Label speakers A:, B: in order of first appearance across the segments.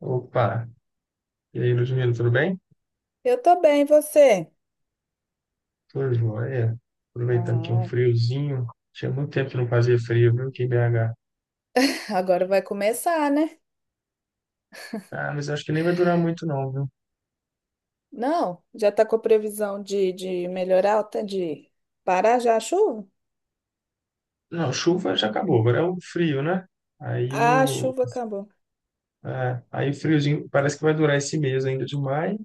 A: Opa, e aí, Ludmila, tudo bem?
B: Eu tô bem, e você?
A: Tudo jóia. Aproveitando que é um
B: Ah,
A: friozinho. Tinha muito tempo que não fazia frio, viu, aqui em BH.
B: agora vai começar, né?
A: Ah, mas acho que nem vai durar muito não, viu?
B: Não, já tá com a previsão de melhorar, tá? De parar já a chuva?
A: Não, chuva já acabou, agora é o frio, né? Aí
B: Ah, a
A: o,
B: chuva acabou.
A: aí o friozinho parece que vai durar esse mês ainda de maio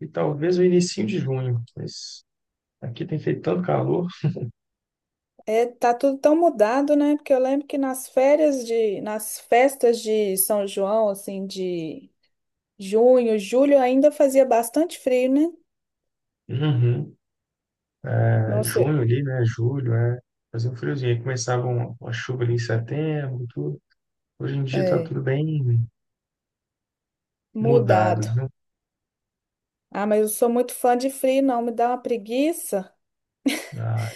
A: e talvez o início de junho. Mas aqui tem feito tanto calor.
B: É, tá tudo tão mudado, né? Porque eu lembro que nas férias nas festas de São João, assim, de junho, julho, ainda fazia bastante frio, né?
A: Uhum. É,
B: Nossa,
A: junho ali, né? Julho, é. Fazer um friozinho. Aí começava uma chuva ali em setembro, tudo. Hoje em dia tá
B: é,
A: tudo bem mudado,
B: mudado.
A: viu?
B: Ah, mas eu sou muito fã de frio, não, me dá uma preguiça.
A: Ah,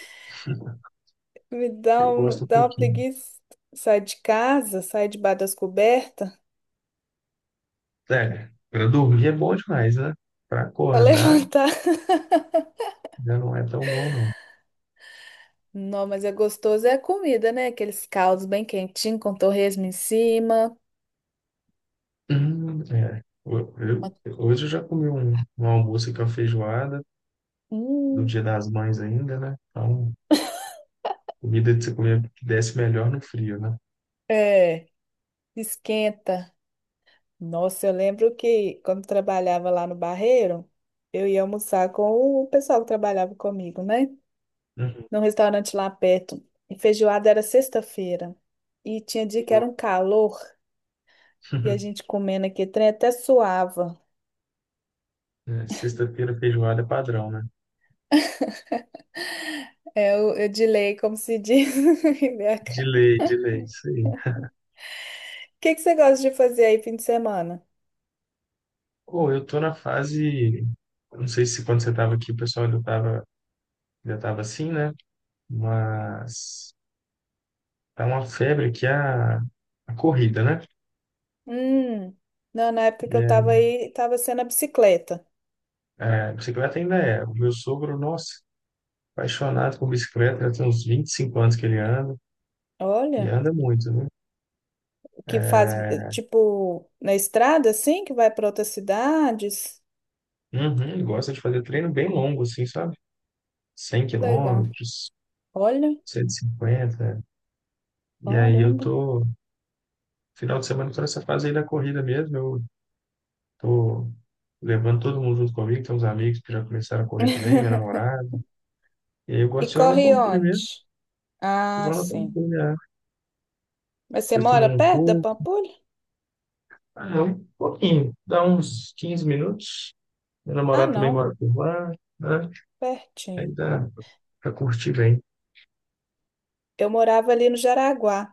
B: Me dá,
A: eu gosto um
B: dá uma
A: pouquinho.
B: preguiça. Sai de casa, sai debaixo das cobertas
A: É, para dormir é bom demais, né? Para
B: pra
A: acordar
B: levantar.
A: já não é tão bom, não.
B: Não, mas é gostoso, é a comida, né? Aqueles caldos bem quentinhos, com torresmo em cima.
A: É.
B: Uma-
A: Hoje eu já comi um almoço com a feijoada, do
B: Hum,
A: Dia das Mães ainda, né? Então, comida que você comia que desce melhor no frio, né?
B: é, esquenta. Nossa, eu lembro que quando trabalhava lá no Barreiro, eu ia almoçar com o pessoal que trabalhava comigo, né?
A: Uhum.
B: Num restaurante lá perto. E feijoada era sexta-feira. E tinha dia que era
A: Bom.
B: um calor, e a gente comendo aqui, trem até suava.
A: É, sexta-feira feijoada é padrão, né?
B: É, eu delay, como se diz em BH.
A: De lei, isso aí.
B: O que que você gosta de fazer aí fim de semana?
A: Pô, eu tô na fase. Não sei se quando você tava aqui o pessoal já tava assim, né? Mas tá uma febre que é a corrida, né?
B: Hum, não, na época
A: E
B: que eu
A: aí,
B: tava aí, tava sendo a bicicleta.
A: é, bicicleta ainda é. O meu sogro, nossa, apaixonado por bicicleta, já tem uns 25 anos que ele anda, e
B: Olha,
A: anda muito, né?
B: o que faz, tipo, na estrada, assim, que vai para outras cidades.
A: Uhum, ele gosta de fazer treino bem longo, assim, sabe? 100
B: Que legal.
A: quilômetros,
B: Olha,
A: 150. E aí eu
B: caramba.
A: tô, final de semana, tô nessa fase aí da corrida mesmo, eu tô levando todo mundo junto comigo, tem uns amigos que já começaram a correr também, minha namorada. E aí eu
B: E
A: gosto de ir lá na
B: corre
A: Pampulha mesmo,
B: onde? Ah,
A: vou lá na
B: sim.
A: Pampulha, né?
B: Mas você
A: Depois tomo
B: mora
A: um
B: perto da
A: coco.
B: Pampulha?
A: Ah, um pouquinho, dá uns 15 minutos. Meu
B: Ah,
A: namorado também
B: não,
A: mora por lá, né? Aí
B: pertinho.
A: dá pra curtir bem.
B: Eu morava ali no Jaraguá.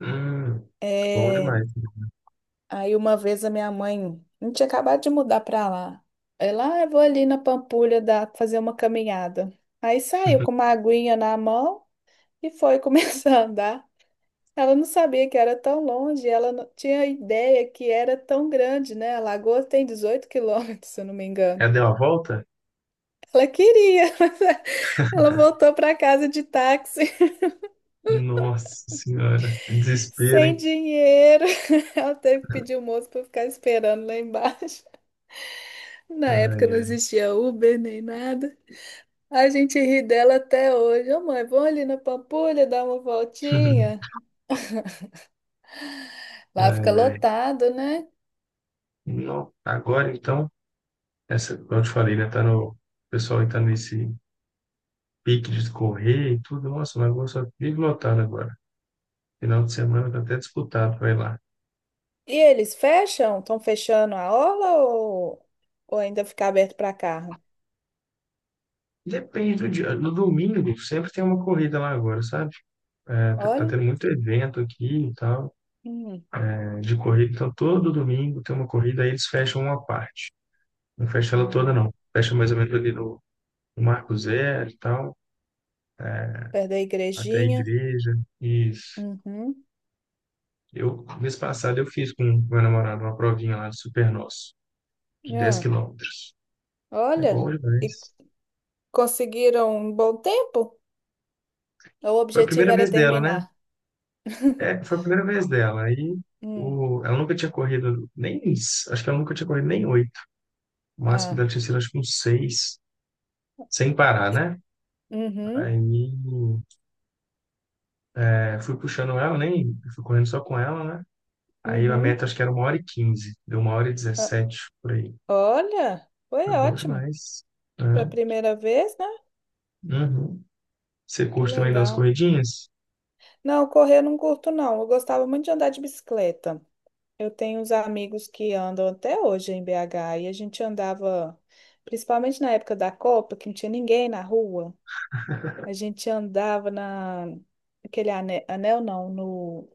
A: Hum, bom
B: É,
A: demais.
B: aí uma vez a minha mãe, a gente tinha acabado de mudar pra lá. Ela, ah, eu vou ali na Pampulha fazer uma caminhada. Aí saiu com uma aguinha na mão e foi começar a andar. Ela não sabia que era tão longe, ela não tinha ideia que era tão grande, né? A lagoa tem 18 quilômetros, se eu não me engano.
A: Ela deu a volta?
B: Ela queria, mas ela voltou pra casa de táxi,
A: Nossa senhora, que desespero,
B: sem
A: hein?
B: dinheiro. Ela teve que pedir o moço para ficar esperando lá embaixo. Na época
A: Ai,
B: não
A: ai.
B: existia Uber nem nada. A gente ri dela até hoje. Ô, mãe, vamos ali na Pampulha dar uma voltinha. Lá
A: Ai,
B: fica
A: ai.
B: lotado, né?
A: Não, agora então, essa, como eu te falei, né? Tá no, o pessoal aí tá nesse pique de correr e tudo. Nossa, mas vou só vive lotado agora. Final de semana tá até disputado, vai lá.
B: E eles fecham? Estão fechando a orla ou ainda fica aberto para carro?
A: Depende do dia. No domingo sempre tem uma corrida lá agora, sabe? É, tá
B: Olha.
A: tendo muito evento aqui e tal,
B: Hum.
A: é, de corrida. Então, todo domingo tem uma corrida, aí eles fecham uma parte. Não fecha ela toda,
B: Ah,
A: não. Fecha mais ou menos ali no Marco Zero e tal,
B: perto da
A: até a
B: igrejinha.
A: igreja. Isso.
B: Uhum.
A: Eu, mês passado, eu fiz com meu namorado uma provinha lá do Super Nosso, de 10
B: Ah,
A: quilômetros. É
B: olha.
A: bom
B: E
A: demais.
B: conseguiram um bom tempo? O
A: Foi a
B: objetivo
A: primeira vez
B: era
A: dela, né?
B: terminar.
A: É, foi a primeira vez dela. Aí,
B: Hum.
A: ela nunca tinha corrido nem, acho que ela nunca tinha corrido nem oito. O máximo
B: Ah.
A: dela tinha sido, acho que uns seis, sem parar,
B: E-
A: né?
B: Uhum.
A: Aí é, fui puxando ela, nem fui correndo só com ela, né? Aí a
B: Uhum.
A: meta acho que era uma hora e quinze, deu uma hora e dezessete por aí.
B: Olha, foi
A: Foi bom
B: ótimo.
A: demais,
B: Para a
A: né?
B: primeira vez, né?
A: Uhum. Você
B: Que
A: curte também dar umas
B: legal.
A: corridinhas?
B: Não, correr eu não curto, não. Eu gostava muito de andar de bicicleta. Eu tenho uns amigos que andam até hoje em BH e a gente andava, principalmente na época da Copa, que não tinha ninguém na rua. A gente andava na aquele anel, não, no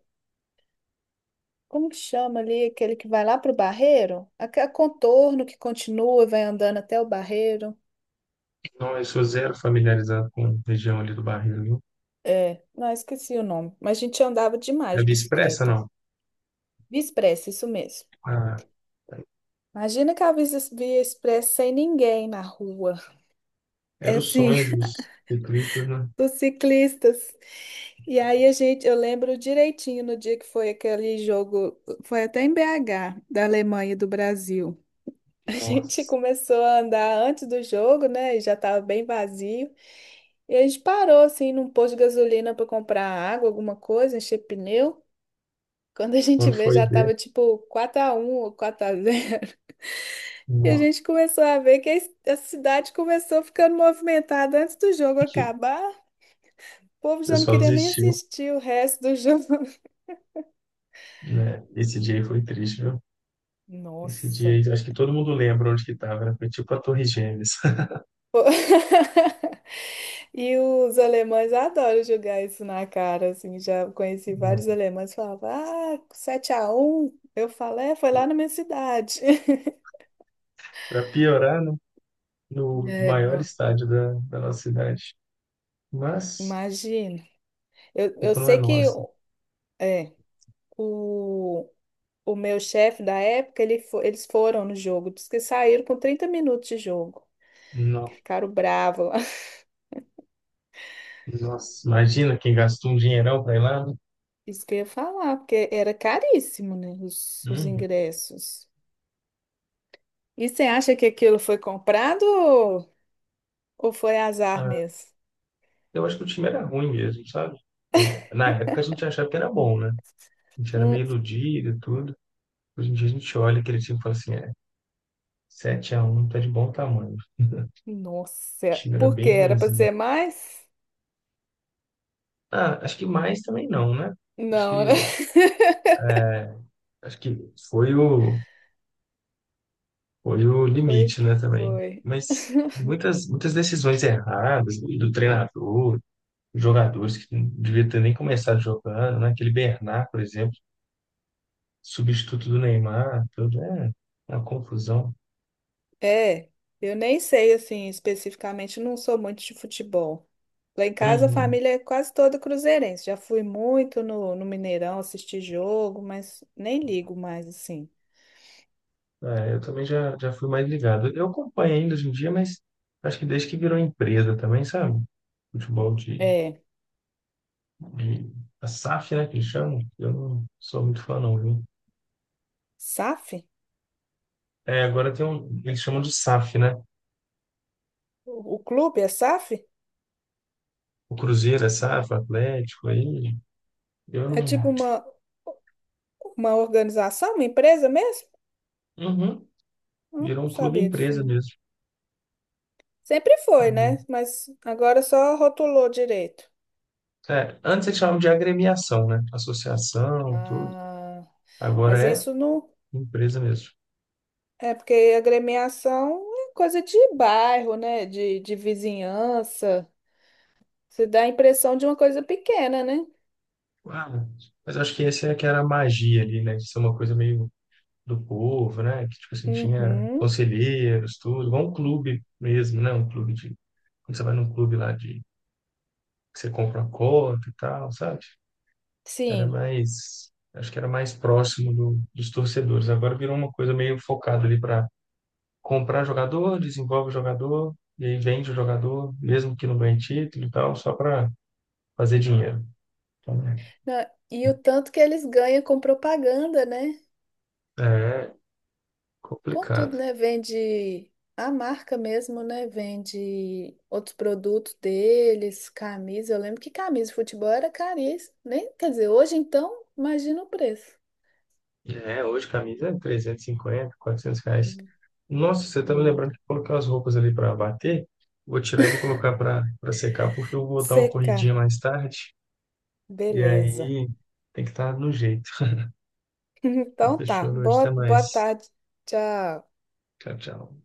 B: como que chama ali, aquele que vai lá pro Barreiro, aquele contorno que continua e vai andando até o Barreiro.
A: Não, eu sou zero familiarizado com a região ali do Barreiro, viu?
B: É, não, esqueci o nome, mas a gente andava
A: É
B: demais de
A: de expressa,
B: bicicleta.
A: não?
B: Via Expressa, isso mesmo.
A: Ah,
B: Imagina que a Via Expressa sem ninguém na rua.
A: era
B: É
A: o
B: assim,
A: sonho dos ciclistas, né?
B: os ciclistas. E aí a gente, eu lembro direitinho no dia que foi aquele jogo, foi até em BH, da Alemanha e do Brasil. A gente
A: Nossa,
B: começou a andar antes do jogo, né? E já estava bem vazio. E a gente parou assim num posto de gasolina para comprar água, alguma coisa, encher pneu. Quando a gente
A: quando
B: vê,
A: foi
B: já
A: ver,
B: tava tipo 4 a 1 ou 4 a 0. E a
A: nossa,
B: gente começou a ver que a cidade começou ficando movimentada antes do jogo
A: o
B: acabar. O povo já não
A: pessoal
B: queria nem
A: desistiu,
B: assistir o resto do jogo.
A: né? Esse dia aí foi triste, viu? Esse dia
B: Nossa.
A: aí, acho que todo mundo lembra onde que tava era. Foi tipo a Torre Gêmeas.
B: Pô. E os alemães adoram jogar isso na cara, assim, já conheci vários alemães que falavam, ah, 7x1, eu falo, é, foi lá na minha cidade.
A: Para piorar, no
B: É,
A: maior
B: não.
A: estádio da nossa cidade. Mas
B: Imagina, eu,
A: a
B: eu
A: culpa não é
B: sei que
A: nossa.
B: é, o, o meu chefe da época, eles foram no jogo, diz que saíram com 30 minutos de jogo.
A: Não.
B: Ficaram bravos lá.
A: Nossa, imagina quem gastou um dinheirão para ir lá, né?
B: Isso que eu ia falar, porque era caríssimo, né, os
A: Uhum.
B: ingressos. E você acha que aquilo foi comprado ou foi azar
A: Ah,
B: mesmo?
A: eu acho que o time era ruim mesmo, sabe? Na época a gente achava que era bom, né? A gente era
B: Hum,
A: meio iludido e tudo. Hoje em dia a gente olha aquele time e fala assim, é, 7-1, tá de bom tamanho. O
B: nossa,
A: time era
B: por quê?
A: bem
B: Era para
A: ruinzinho.
B: ser mais?
A: Ah, acho que mais também não, né? Acho
B: Não, né?
A: que, acho que foi o
B: Foi o
A: limite,
B: que
A: né, também.
B: foi.
A: Mas muitas, muitas decisões erradas do treinador, jogadores que não devia ter nem começado jogando, né? Aquele Bernard, por exemplo, substituto do Neymar, tudo é uma confusão.
B: É, eu nem sei assim especificamente, não sou muito de futebol. Lá em casa a
A: Uhum.
B: família é quase toda cruzeirense. Já fui muito no Mineirão assistir jogo, mas nem ligo mais assim.
A: É, eu também já fui mais ligado. Eu acompanho ainda hoje em dia, mas acho que desde que virou empresa também, sabe? Futebol de,
B: É,
A: de a SAF, né, que eles chamam. Eu não sou muito fã, não, viu?
B: SAF?
A: É, agora tem um, eles chamam de SAF, né?
B: O clube é SAF?
A: O Cruzeiro é SAF, o Atlético, aí eu
B: É tipo
A: não.
B: uma organização, uma empresa mesmo?
A: Uhum.
B: Não
A: Virou um clube
B: sabia disso,
A: empresa
B: não.
A: mesmo.
B: Sempre foi, né?
A: Uhum.
B: Mas agora só rotulou direito.
A: É, antes eles chamavam de agremiação, né? Associação, tudo.
B: Ah, mas
A: Agora é
B: isso não.
A: empresa mesmo.
B: É porque agremiação é coisa de bairro, né? De vizinhança. Você dá a impressão de uma coisa pequena, né?
A: Uau. Mas acho que esse é que era a magia ali, né? De ser uma coisa meio do povo, né? Que tipo assim, tinha
B: Uhum,
A: conselheiros, tudo. Igual um clube mesmo, né? Um clube de. Quando você vai num clube lá de. Que você compra uma cota e tal, sabe? Era
B: sim.
A: mais, acho que era mais próximo dos torcedores. Agora virou uma coisa meio focada ali para comprar jogador, desenvolve o jogador, e aí vende o jogador, mesmo que não ganhe título e tal, só para fazer dinheiro. Então,
B: E o tanto que eles ganham com propaganda, né?
A: é
B: Com tudo,
A: complicado.
B: né? Vende a marca mesmo, né? Vende outros produtos deles, camisa. Eu lembro que camisa de futebol era caríssima, nem Quer dizer, hoje então, imagina o preço.
A: É, hoje camisa é 350, 400 reais.
B: Hum,
A: Nossa, você tá me
B: hum.
A: lembrando que eu coloquei umas roupas ali para bater. Vou tirar e vou colocar para secar, porque eu vou dar uma
B: Seca,
A: corridinha mais tarde. E
B: beleza.
A: aí tem que estar no jeito. Então,
B: Então tá.
A: fechou, hoje,
B: Boa,
A: até
B: boa
A: mais.
B: tarde. Tchau.
A: Tchau, tchau.